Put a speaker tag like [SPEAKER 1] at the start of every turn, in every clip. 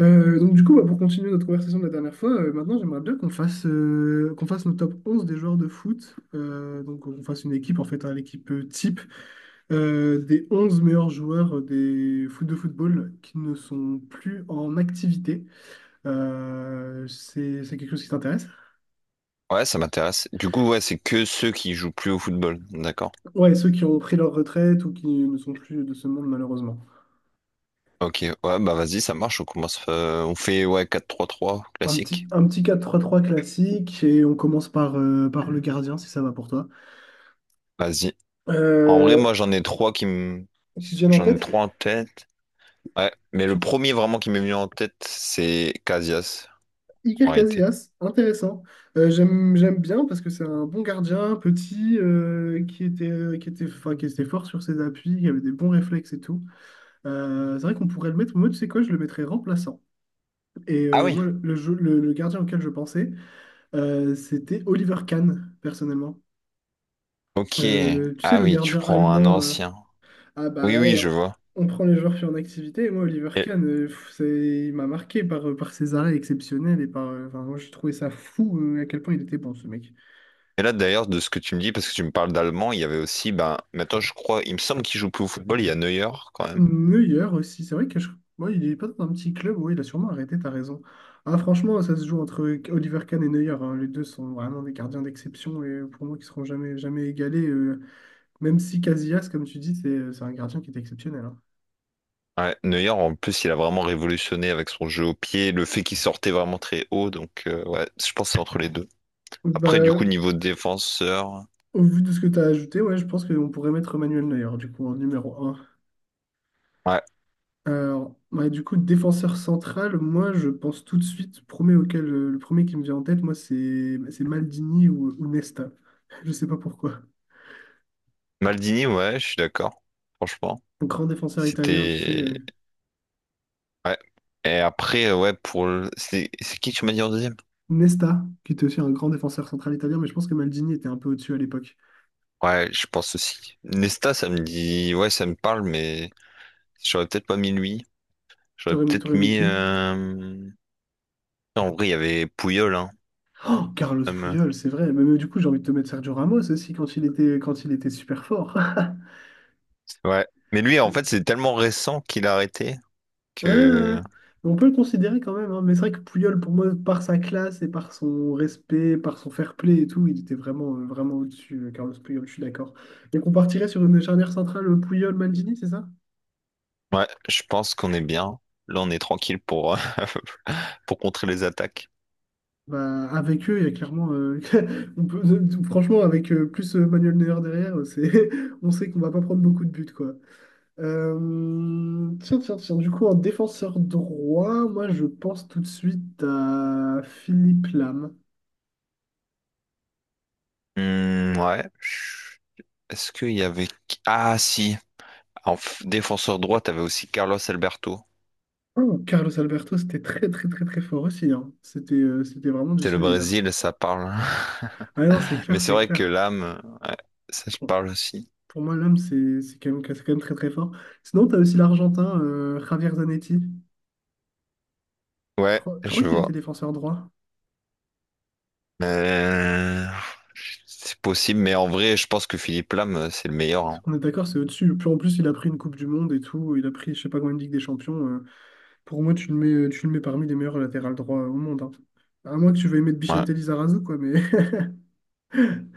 [SPEAKER 1] Donc du coup, bah, pour continuer notre conversation de la dernière fois, maintenant j'aimerais bien qu'on fasse nos top 11 des joueurs de foot. Donc on fasse une équipe, en fait, hein, l'équipe type des 11 meilleurs joueurs des foot de football qui ne sont plus en activité. C'est quelque chose qui t'intéresse?
[SPEAKER 2] Ouais, ça m'intéresse. Du coup, ouais, c'est que ceux qui jouent plus au football. D'accord.
[SPEAKER 1] Ouais, ceux qui ont pris leur retraite ou qui ne sont plus de ce monde malheureusement.
[SPEAKER 2] Ok, ouais, bah vas-y, ça marche. On commence. On fait, ouais, quatre trois trois
[SPEAKER 1] Un petit,
[SPEAKER 2] classique.
[SPEAKER 1] un petit 4-3-3 classique et on commence par le gardien si ça va pour toi.
[SPEAKER 2] Vas-y. En vrai,
[SPEAKER 1] Euh,
[SPEAKER 2] moi,
[SPEAKER 1] qui te viennent en
[SPEAKER 2] j'en ai
[SPEAKER 1] tête?
[SPEAKER 2] trois en tête. Ouais, mais le premier vraiment qui m'est venu en tête, c'est Casillas en
[SPEAKER 1] Iker
[SPEAKER 2] réalité.
[SPEAKER 1] Casillas, intéressant. J'aime bien parce que c'est un bon gardien, petit, enfin, qui était fort sur ses appuis, qui avait des bons réflexes et tout. C'est vrai qu'on pourrait le mettre, moi, tu sais quoi, je le mettrais remplaçant. Et
[SPEAKER 2] Ah
[SPEAKER 1] euh,
[SPEAKER 2] oui.
[SPEAKER 1] moi, le, jeu- le, le gardien auquel je pensais, c'était Oliver Kahn, personnellement.
[SPEAKER 2] Ok.
[SPEAKER 1] Tu sais,
[SPEAKER 2] Ah
[SPEAKER 1] le
[SPEAKER 2] oui, tu
[SPEAKER 1] gardien
[SPEAKER 2] prends un
[SPEAKER 1] allemand.
[SPEAKER 2] ancien.
[SPEAKER 1] Ah bah
[SPEAKER 2] Oui, oui,
[SPEAKER 1] ouais,
[SPEAKER 2] je
[SPEAKER 1] on,
[SPEAKER 2] vois.
[SPEAKER 1] on prend les joueurs qui sont en activité. Moi, Oliver
[SPEAKER 2] Et,
[SPEAKER 1] Kahn, il m'a marqué par ses arrêts exceptionnels. Enfin, moi, j'ai trouvé ça fou, à quel point il était bon, ce mec.
[SPEAKER 2] Et là, d'ailleurs, de ce que tu me dis, parce que tu me parles d'allemand, il y avait aussi, ben, maintenant, je crois, il me semble qu'il joue plus au football, il y a Neuer, quand même.
[SPEAKER 1] Neuer aussi, c'est vrai que moi, il est pas dans un petit club. Oui, il a sûrement arrêté, t'as raison. Ah, franchement, ça se joue entre Oliver Kahn et Neuer, hein. Les deux sont vraiment des gardiens d'exception et pour moi, qui seront jamais égalés. Même si Casillas, comme tu dis, c'est un gardien qui est exceptionnel, hein.
[SPEAKER 2] Ouais, Neuer, en plus, il a vraiment révolutionné avec son jeu au pied, le fait qu'il sortait vraiment très haut, donc, ouais, je pense que c'est entre les deux. Après, du
[SPEAKER 1] Bah,
[SPEAKER 2] coup, niveau défenseur,
[SPEAKER 1] au vu de ce que tu as ajouté, ouais, je pense qu'on pourrait mettre Manuel Neuer, du coup, en numéro un.
[SPEAKER 2] ouais,
[SPEAKER 1] Alors, ouais, du coup, défenseur central, moi, je pense tout de suite, le premier qui me vient en tête, moi, c'est Maldini ou Nesta. Je sais pas pourquoi.
[SPEAKER 2] Maldini, ouais, je suis d'accord, franchement.
[SPEAKER 1] Un grand défenseur italien, tu sais.
[SPEAKER 2] C'était,
[SPEAKER 1] euh,
[SPEAKER 2] ouais. Et après, ouais, pour le... C'est qui que tu m'as dit en deuxième?
[SPEAKER 1] Nesta, qui était aussi un grand défenseur central italien, mais je pense que Maldini était un peu au-dessus à l'époque.
[SPEAKER 2] Ouais, je pense aussi. Nesta, ça me dit, ouais, ça me parle, mais j'aurais peut-être pas mis lui. J'aurais
[SPEAKER 1] T'aurais
[SPEAKER 2] peut-être
[SPEAKER 1] t'aurais mis
[SPEAKER 2] mis.
[SPEAKER 1] qui?
[SPEAKER 2] En vrai, il y avait Pouyol, hein,
[SPEAKER 1] Oh, Carlos
[SPEAKER 2] comme, euh,
[SPEAKER 1] Puyol, c'est vrai. Mais du coup, j'ai envie de te mettre Sergio Ramos aussi quand il était super fort.
[SPEAKER 2] ouais. Mais lui, en fait, c'est tellement récent qu'il a arrêté
[SPEAKER 1] Ouais, ouais, ouais.
[SPEAKER 2] que.
[SPEAKER 1] On peut le considérer quand même, hein. Mais c'est vrai que Pouyol, pour moi, par sa classe et par son respect, par son fair play et tout, il était vraiment au-dessus, Carlos Puyol, je suis d'accord. Donc on partirait sur une charnière centrale Puyol-Maldini, c'est ça?
[SPEAKER 2] Ouais, je pense qu'on est bien. Là, on est tranquille pour, pour contrer les attaques.
[SPEAKER 1] Bah, avec eux, il y a clairement. on peut- Franchement, avec plus Manuel Neuer derrière, on sait qu'on va pas prendre beaucoup de buts, quoi. Tiens, tiens, tiens. Du coup, en défenseur droit, moi, je pense tout de suite à Philippe Lam.
[SPEAKER 2] Hmm, ouais. Est-ce qu'il y avait. Ah, si. En défenseur droit, t'avais aussi Carlos Alberto.
[SPEAKER 1] Oh, Carlos Alberto, c'était très très très très fort aussi, hein. C'était vraiment du
[SPEAKER 2] C'est le
[SPEAKER 1] solide, hein.
[SPEAKER 2] Brésil, ça parle.
[SPEAKER 1] Ah non, c'est
[SPEAKER 2] Mais
[SPEAKER 1] clair,
[SPEAKER 2] c'est
[SPEAKER 1] c'est
[SPEAKER 2] vrai que
[SPEAKER 1] clair.
[SPEAKER 2] l'âme, ouais, ça je
[SPEAKER 1] Pour,
[SPEAKER 2] parle aussi.
[SPEAKER 1] pour moi, l'homme, c'est quand même très très fort. Sinon, tu as aussi l'Argentin, Javier Zanetti. Je
[SPEAKER 2] Ouais,
[SPEAKER 1] crois, je crois
[SPEAKER 2] je
[SPEAKER 1] qu'il était
[SPEAKER 2] vois.
[SPEAKER 1] défenseur droit.
[SPEAKER 2] Euh, c'est possible, mais en vrai, je pense que Philippe Lam, c'est le meilleur. Hein.
[SPEAKER 1] On est d'accord, c'est au-dessus. Puis en plus, il a pris une Coupe du Monde et tout. Il a pris, je sais pas combien de Ligue des Champions. Pour moi, tu le mets parmi les meilleurs latérales droits au monde, hein. À moins que tu veuilles mettre
[SPEAKER 2] Ouais.
[SPEAKER 1] Vicente Lizarazu, quoi, mais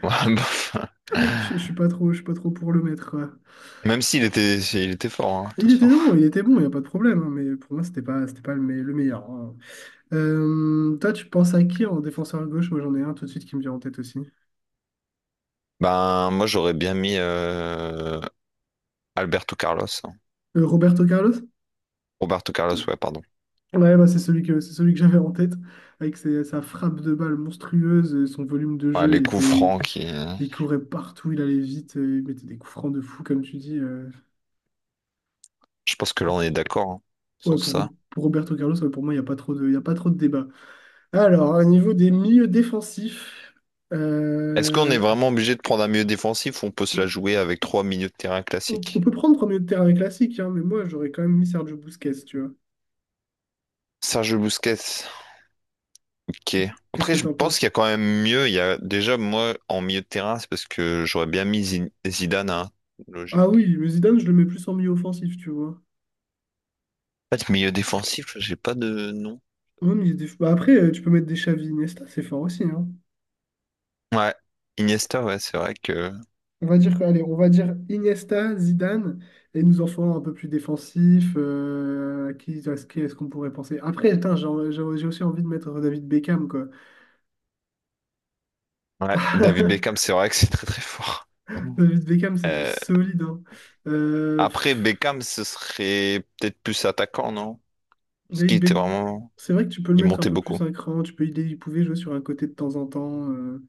[SPEAKER 2] Ouais, bof.
[SPEAKER 1] je suis pas trop, je suis pas trop pour le mettre.
[SPEAKER 2] Même s'il était, il était fort, hein,
[SPEAKER 1] Il était
[SPEAKER 2] attention.
[SPEAKER 1] bon, il était bon, il n'y a pas de problème, hein, mais pour moi, c'était pas le meilleur, hein. Toi, tu penses à qui en défenseur gauche? Moi, j'en ai un tout de suite qui me vient en tête aussi.
[SPEAKER 2] Ben, moi, j'aurais bien mis Alberto Carlos. Hein.
[SPEAKER 1] Roberto Carlos?
[SPEAKER 2] Roberto Carlos, ouais, pardon.
[SPEAKER 1] Ouais, bah, c'est celui que j'avais en tête, avec sa frappe de balle monstrueuse, son volume de
[SPEAKER 2] Ouais,
[SPEAKER 1] jeu,
[SPEAKER 2] les coups francs qui.
[SPEAKER 1] il courait partout, il allait vite, il mettait des coups francs de fou, comme tu dis.
[SPEAKER 2] Je pense que là, on est d'accord, hein,
[SPEAKER 1] Ouais,
[SPEAKER 2] sur
[SPEAKER 1] pour,
[SPEAKER 2] ça.
[SPEAKER 1] pour Roberto Carlos, ouais, pour moi, il n'y a pas trop de, il y a pas trop de débat. Alors, au niveau des milieux défensifs,
[SPEAKER 2] Est-ce qu'on est
[SPEAKER 1] euh,
[SPEAKER 2] vraiment obligé de prendre un milieu défensif ou on peut se la jouer avec trois milieux de terrain
[SPEAKER 1] on
[SPEAKER 2] classiques?
[SPEAKER 1] peut prendre un milieu de terrain classique, hein, mais moi j'aurais quand même mis Sergio Busquets, tu vois.
[SPEAKER 2] Sergio Busquets. Ok.
[SPEAKER 1] Qu'est-ce
[SPEAKER 2] Après,
[SPEAKER 1] que
[SPEAKER 2] je
[SPEAKER 1] t'en
[SPEAKER 2] pense
[SPEAKER 1] penses?
[SPEAKER 2] qu'il y a quand même mieux. Il y a déjà moi en milieu de terrain, c'est parce que j'aurais bien mis Zidane, hein.
[SPEAKER 1] Ah
[SPEAKER 2] Logique.
[SPEAKER 1] oui, mais Zidane, je le mets plus en milieu offensif, tu vois.
[SPEAKER 2] En fait, milieu défensif, j'ai pas de nom.
[SPEAKER 1] Ouais, mais il y a des- bah après, tu peux mettre des Xavi, Iniesta, c'est fort aussi, hein.
[SPEAKER 2] Ouais. Iniesta, ouais, c'est vrai que.
[SPEAKER 1] On va dire, que- Allez, on va dire Iniesta, Zidane, et nous en ferons un peu plus défensif. Qui, à ce Qui est-ce qu'on pourrait penser? Après, attends, j'ai en- j'ai j'ai aussi envie de mettre David Beckham, quoi.
[SPEAKER 2] Ouais. David Beckham, c'est vrai que c'est très très fort. Mhm.
[SPEAKER 1] David Beckham, c'est du
[SPEAKER 2] Euh,
[SPEAKER 1] solide, hein. Euh,
[SPEAKER 2] Après
[SPEAKER 1] pff,
[SPEAKER 2] Beckham, ce serait peut-être plus attaquant, non? Parce qu'il
[SPEAKER 1] David Beck,
[SPEAKER 2] était vraiment,
[SPEAKER 1] c'est vrai que tu peux le
[SPEAKER 2] il
[SPEAKER 1] mettre un
[SPEAKER 2] montait
[SPEAKER 1] peu
[SPEAKER 2] beaucoup.
[SPEAKER 1] plus un cran, tu peux il pouvait jouer sur un côté de temps en temps.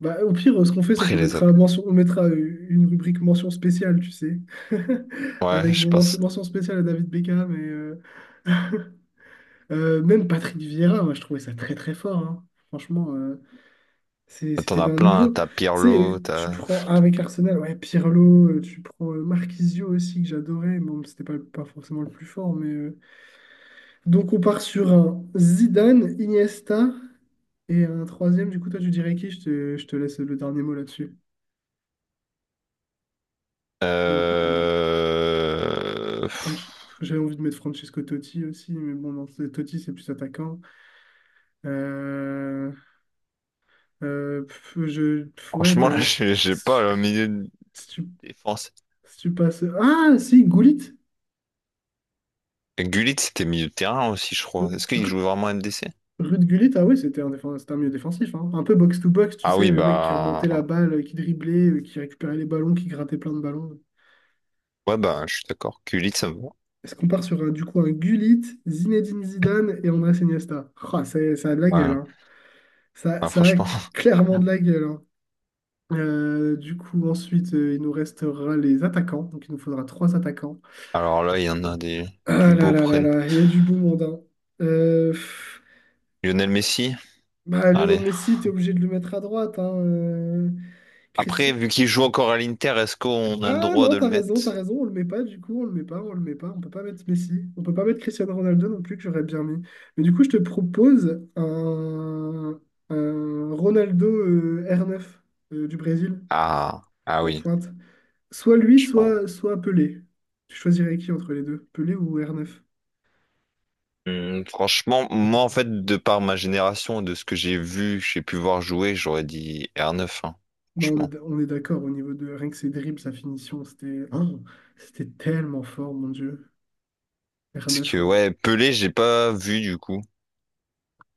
[SPEAKER 1] Bah, au pire, ce qu'on fait, c'est qu'on
[SPEAKER 2] Après les
[SPEAKER 1] mettra,
[SPEAKER 2] autres.
[SPEAKER 1] mention- on mettra euh, une rubrique mention spéciale, tu sais.
[SPEAKER 2] Ouais,
[SPEAKER 1] Avec
[SPEAKER 2] je
[SPEAKER 1] bon,
[SPEAKER 2] pense.
[SPEAKER 1] mention spéciale à David Beckham et même Patrick Vieira, moi je trouvais ça très très fort, hein. Franchement,
[SPEAKER 2] T'en
[SPEAKER 1] c'était
[SPEAKER 2] as
[SPEAKER 1] d'un
[SPEAKER 2] plein. Hein.
[SPEAKER 1] niveau. Tu
[SPEAKER 2] T'as
[SPEAKER 1] sais,
[SPEAKER 2] Pirlo,
[SPEAKER 1] tu
[SPEAKER 2] t'as.
[SPEAKER 1] prends ah, avec Arsenal, ouais, Pirlo, tu prends Marquisio aussi que j'adorais. Bon, c'était pas forcément le plus fort, mais. Donc on part sur un Zidane, Iniesta. Et un troisième, du coup, toi, tu dirais qui? Je te laisse le dernier mot là-dessus. Mhm.
[SPEAKER 2] Euh...
[SPEAKER 1] Franch- J'avais envie de mettre Francesco Totti aussi, mais bon, non, Totti, c'est plus attaquant. Euh, ouais,
[SPEAKER 2] Franchement, là, j'ai
[SPEAKER 1] si
[SPEAKER 2] pas
[SPEAKER 1] tu,
[SPEAKER 2] le milieu de
[SPEAKER 1] si tu-
[SPEAKER 2] défense.
[SPEAKER 1] si tu passes... Ah, si, Gullit.
[SPEAKER 2] Et Gullit, c'était milieu de terrain aussi, je
[SPEAKER 1] Euh,
[SPEAKER 2] crois. Est-ce qu'il joue vraiment MDC?
[SPEAKER 1] Ruud Gullit, ah ouais, c'était un milieu défensif, hein. Un peu box-to-box, tu
[SPEAKER 2] Ah
[SPEAKER 1] sais,
[SPEAKER 2] oui,
[SPEAKER 1] le mec qui
[SPEAKER 2] bah.
[SPEAKER 1] remontait la balle, qui driblait, qui récupérait les ballons, qui grattait plein de ballons.
[SPEAKER 2] Ouais, bah, je suis d'accord. Gullit, ça me va.
[SPEAKER 1] Est-ce qu'on part sur un, du coup un Gullit, Zinedine Zidane et Andrés Iniesta? Ah, ça a de la gueule,
[SPEAKER 2] Ouais,
[SPEAKER 1] hein. Ça,
[SPEAKER 2] bah,
[SPEAKER 1] ça a
[SPEAKER 2] franchement.
[SPEAKER 1] clairement de la gueule, hein. Du coup, ensuite, il nous restera les attaquants. Donc, il nous faudra trois attaquants.
[SPEAKER 2] Alors là, il y en a des...
[SPEAKER 1] Ah
[SPEAKER 2] du
[SPEAKER 1] là
[SPEAKER 2] beau
[SPEAKER 1] là là
[SPEAKER 2] prenne.
[SPEAKER 1] là, il y a du beau monde, hein. Euh, pff,
[SPEAKER 2] Lionel Messi?
[SPEAKER 1] Bah, Lionel
[SPEAKER 2] Allez.
[SPEAKER 1] Messi, t'es obligé de le mettre à droite, hein.
[SPEAKER 2] Après,
[SPEAKER 1] Christi-
[SPEAKER 2] vu qu'il joue encore à l'Inter, est-ce qu'on a le
[SPEAKER 1] Ah
[SPEAKER 2] droit
[SPEAKER 1] non,
[SPEAKER 2] de le
[SPEAKER 1] t'as
[SPEAKER 2] mettre?
[SPEAKER 1] raison, on le met pas du coup, on le met pas, on le met pas, on peut pas mettre Messi, on peut pas mettre Cristiano Ronaldo non plus que j'aurais bien mis. Mais du coup, je te propose un Ronaldo R9 du Brésil
[SPEAKER 2] Ah, ah
[SPEAKER 1] en
[SPEAKER 2] oui,
[SPEAKER 1] pointe. Soit lui,
[SPEAKER 2] je pense.
[SPEAKER 1] soit Pelé. Tu choisirais qui entre les deux, Pelé ou R9?
[SPEAKER 2] Franchement, moi, en fait, de par ma génération, de ce que j'ai vu, j'ai pu voir jouer, j'aurais dit R9, hein,
[SPEAKER 1] Bah, on est,
[SPEAKER 2] franchement.
[SPEAKER 1] d- on est d'accord au niveau de rien que ses dribbles, sa finition, c'était oh, c'était tellement fort, mon Dieu.
[SPEAKER 2] Parce
[SPEAKER 1] R9.
[SPEAKER 2] que ouais, Pelé, j'ai pas vu du coup. J'ai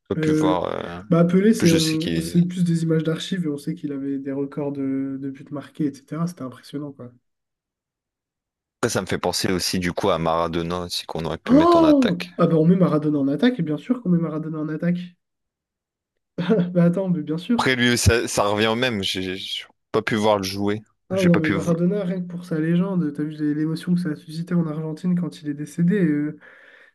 [SPEAKER 2] pas pu voir.
[SPEAKER 1] Euh, bah Pelé,
[SPEAKER 2] En plus, je sais qu'il
[SPEAKER 1] c'est
[SPEAKER 2] est.
[SPEAKER 1] plus des images d'archives et on sait qu'il avait des records de buts marqués, etc. C'était impressionnant, quoi.
[SPEAKER 2] Après, ça me fait penser aussi du coup à Maradona aussi qu'on aurait pu mettre en
[SPEAKER 1] Oh!
[SPEAKER 2] attaque.
[SPEAKER 1] Ah bah on met Maradona en attaque, et bien sûr qu'on met Maradona en attaque. Bah attends, mais bien sûr.
[SPEAKER 2] Après lui, ça revient au même. J'ai pas pu voir le jouer.
[SPEAKER 1] Ah
[SPEAKER 2] J'ai
[SPEAKER 1] non,
[SPEAKER 2] pas
[SPEAKER 1] mais
[SPEAKER 2] pu. V-
[SPEAKER 1] Maradona, rien que pour sa légende, t'as vu l'émotion que ça a suscité en Argentine quand il est décédé.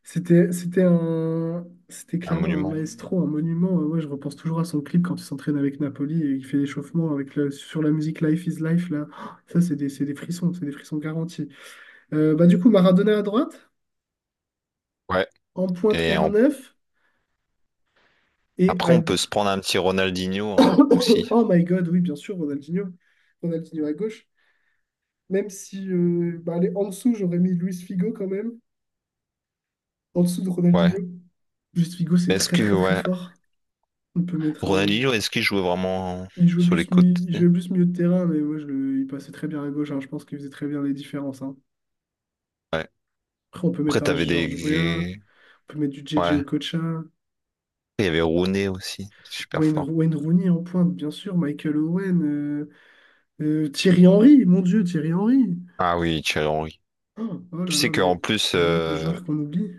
[SPEAKER 1] C'était
[SPEAKER 2] Un
[SPEAKER 1] clairement un
[SPEAKER 2] monument.
[SPEAKER 1] maestro, un monument. Ouais, je repense toujours à son clip quand il s'entraîne avec Napoli et il fait l'échauffement sur la musique Life is Life, là. Oh, ça, c'est des frissons garantis. Du coup, Maradona à droite,
[SPEAKER 2] Ouais.
[SPEAKER 1] en pointe
[SPEAKER 2] Et on-
[SPEAKER 1] R9, et à...
[SPEAKER 2] après, on peut
[SPEAKER 1] gau-
[SPEAKER 2] se prendre un petit Ronaldinho, hein, aussi.
[SPEAKER 1] Oh my God, oui, bien sûr, Ronaldinho. Ronaldinho à gauche. Même si, bah, allez, en dessous, j'aurais mis Luis Figo quand même, en dessous de
[SPEAKER 2] Ouais.
[SPEAKER 1] Ronaldinho. Luis Figo, c'est
[SPEAKER 2] Mais
[SPEAKER 1] très, très, très fort. On peut mettre un...
[SPEAKER 2] Ronaldinho, est-ce qu'il jouait vraiment
[SPEAKER 1] Il jouait
[SPEAKER 2] sur les
[SPEAKER 1] plus, mi- il
[SPEAKER 2] côtés?
[SPEAKER 1] jouait plus milieu de terrain, mais moi, il passait très bien à gauche, hein. Je pense qu'il faisait très bien les différences, hein.
[SPEAKER 2] Ouais.
[SPEAKER 1] Après, on peut
[SPEAKER 2] Après,
[SPEAKER 1] mettre un
[SPEAKER 2] t'avais
[SPEAKER 1] George Weah,
[SPEAKER 2] des.
[SPEAKER 1] on peut mettre du JJ
[SPEAKER 2] Ouais.
[SPEAKER 1] Okocha,
[SPEAKER 2] Il y avait Rooney aussi, super
[SPEAKER 1] Wayne,
[SPEAKER 2] fort.
[SPEAKER 1] Wayne Rooney en pointe, bien sûr, Michael Owen. Thierry Henry, mon Dieu, Thierry Henry.
[SPEAKER 2] Ah oui, Thierry Henry.
[SPEAKER 1] Oh, oh là
[SPEAKER 2] Tu sais
[SPEAKER 1] là, mais
[SPEAKER 2] qu'en plus.
[SPEAKER 1] le nombre de joueurs qu'on oublie,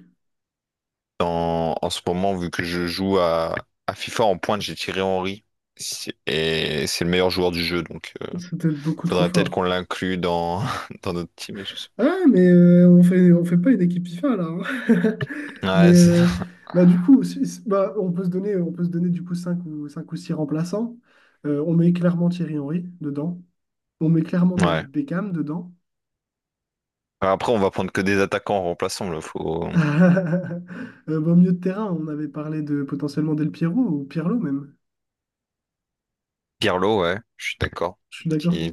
[SPEAKER 2] En, en ce moment, vu que je joue à FIFA en pointe, j'ai tiré Henry. Si- Et c'est le meilleur joueur du jeu, donc
[SPEAKER 1] c'est peut-être beaucoup trop
[SPEAKER 2] faudrait peut-être qu'on
[SPEAKER 1] fort.
[SPEAKER 2] l'inclue dans, dans notre team. Je sais
[SPEAKER 1] Ah, mais on fait pas une équipe FIFA là, hein.
[SPEAKER 2] pas.
[SPEAKER 1] Mais
[SPEAKER 2] Ouais, c'est-
[SPEAKER 1] euh, bah, du coup, si- si- bah, on peut se donner du coup cinq ou 6 remplaçants. On met clairement Thierry Henry dedans. On met clairement
[SPEAKER 2] ouais.
[SPEAKER 1] David Beckham dedans.
[SPEAKER 2] Enfin, après, on va prendre que des attaquants remplaçants. Remplaçant. Là. Faut...
[SPEAKER 1] Au milieu de terrain, on avait parlé de potentiellement Del Piero ou Pirlo même.
[SPEAKER 2] Pirlo, ouais, je suis d'accord.
[SPEAKER 1] Je suis d'accord.
[SPEAKER 2] Qui...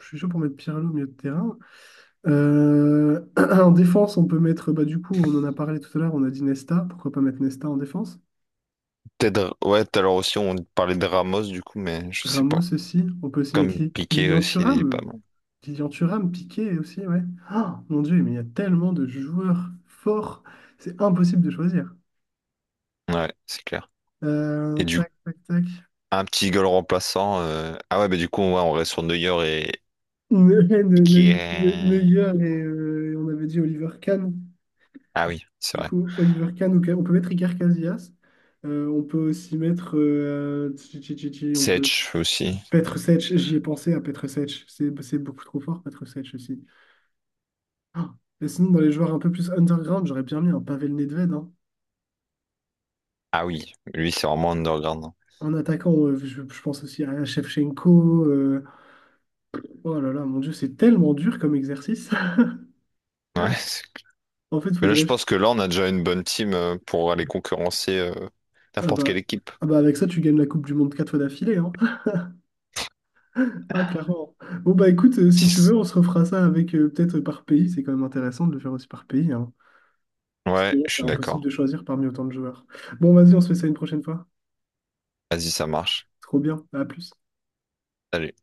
[SPEAKER 1] Je suis chaud pour mettre Pirlo au milieu de terrain. En défense, on peut mettre, bah, du coup, on en a parlé tout à l'heure, on a dit Nesta, pourquoi pas mettre Nesta en défense?
[SPEAKER 2] Peut-être, ouais, tout à l'heure aussi, on parlait de Ramos, du coup, mais je sais pas.
[SPEAKER 1] Ramos aussi, on peut aussi
[SPEAKER 2] Comme
[SPEAKER 1] mettre
[SPEAKER 2] Piqué
[SPEAKER 1] Lilian
[SPEAKER 2] aussi, il est pas
[SPEAKER 1] Thuram.
[SPEAKER 2] mal.
[SPEAKER 1] Lilian Thuram, Piqué aussi, ouais. Ah, mon Dieu, mais il y a tellement de joueurs forts, c'est impossible de choisir.
[SPEAKER 2] Ouais, c'est clair.
[SPEAKER 1] Euh,
[SPEAKER 2] Et du coup,
[SPEAKER 1] tac, tac, tac.
[SPEAKER 2] un petit goal remplaçant. Ah ouais, mais du coup, ouais, on reste sur Neuer et qui est.
[SPEAKER 1] Neuer et on avait dit Oliver Kahn.
[SPEAKER 2] Ah oui, c'est
[SPEAKER 1] Du
[SPEAKER 2] vrai.
[SPEAKER 1] coup, Oliver Kahn, ou on peut mettre Iker Casillas. On peut aussi mettre. Tchi, tchi, tchi, tchi, on peut.
[SPEAKER 2] Sech aussi.
[SPEAKER 1] Petr Sech, j'y ai pensé à Petr Sech. C'est beaucoup trop fort, Petr Sech aussi. Ah, et sinon, dans les joueurs un peu plus underground, j'aurais bien mis un Pavel Nedved, hein.
[SPEAKER 2] Ah oui, lui, c'est vraiment underground. Hein.
[SPEAKER 1] En attaquant, je pense aussi à Shevchenko. Oh là là, mon Dieu, c'est tellement dur comme exercice.
[SPEAKER 2] Ouais. c'est-
[SPEAKER 1] En fait,
[SPEAKER 2] Mais là, je
[SPEAKER 1] faudrait.
[SPEAKER 2] pense que là, on a déjà une bonne team pour aller concurrencer
[SPEAKER 1] Ah
[SPEAKER 2] n'importe quelle
[SPEAKER 1] bah,
[SPEAKER 2] équipe.
[SPEAKER 1] ah bah avec ça, tu gagnes la Coupe du Monde quatre fois d'affilée, hein. Ah, clairement. Bon, bah écoute, si
[SPEAKER 2] Si
[SPEAKER 1] tu veux,
[SPEAKER 2] c-
[SPEAKER 1] on se refera ça avec peut-être par pays. C'est quand même intéressant de le faire aussi par pays, hein. Parce que
[SPEAKER 2] Ouais,
[SPEAKER 1] là,
[SPEAKER 2] je
[SPEAKER 1] c'est
[SPEAKER 2] suis
[SPEAKER 1] impossible
[SPEAKER 2] d'accord.
[SPEAKER 1] de choisir parmi autant de joueurs. Bon, vas-y, on se fait ça une prochaine fois.
[SPEAKER 2] Vas-y, ça marche.
[SPEAKER 1] Trop bien. À plus.
[SPEAKER 2] Allez.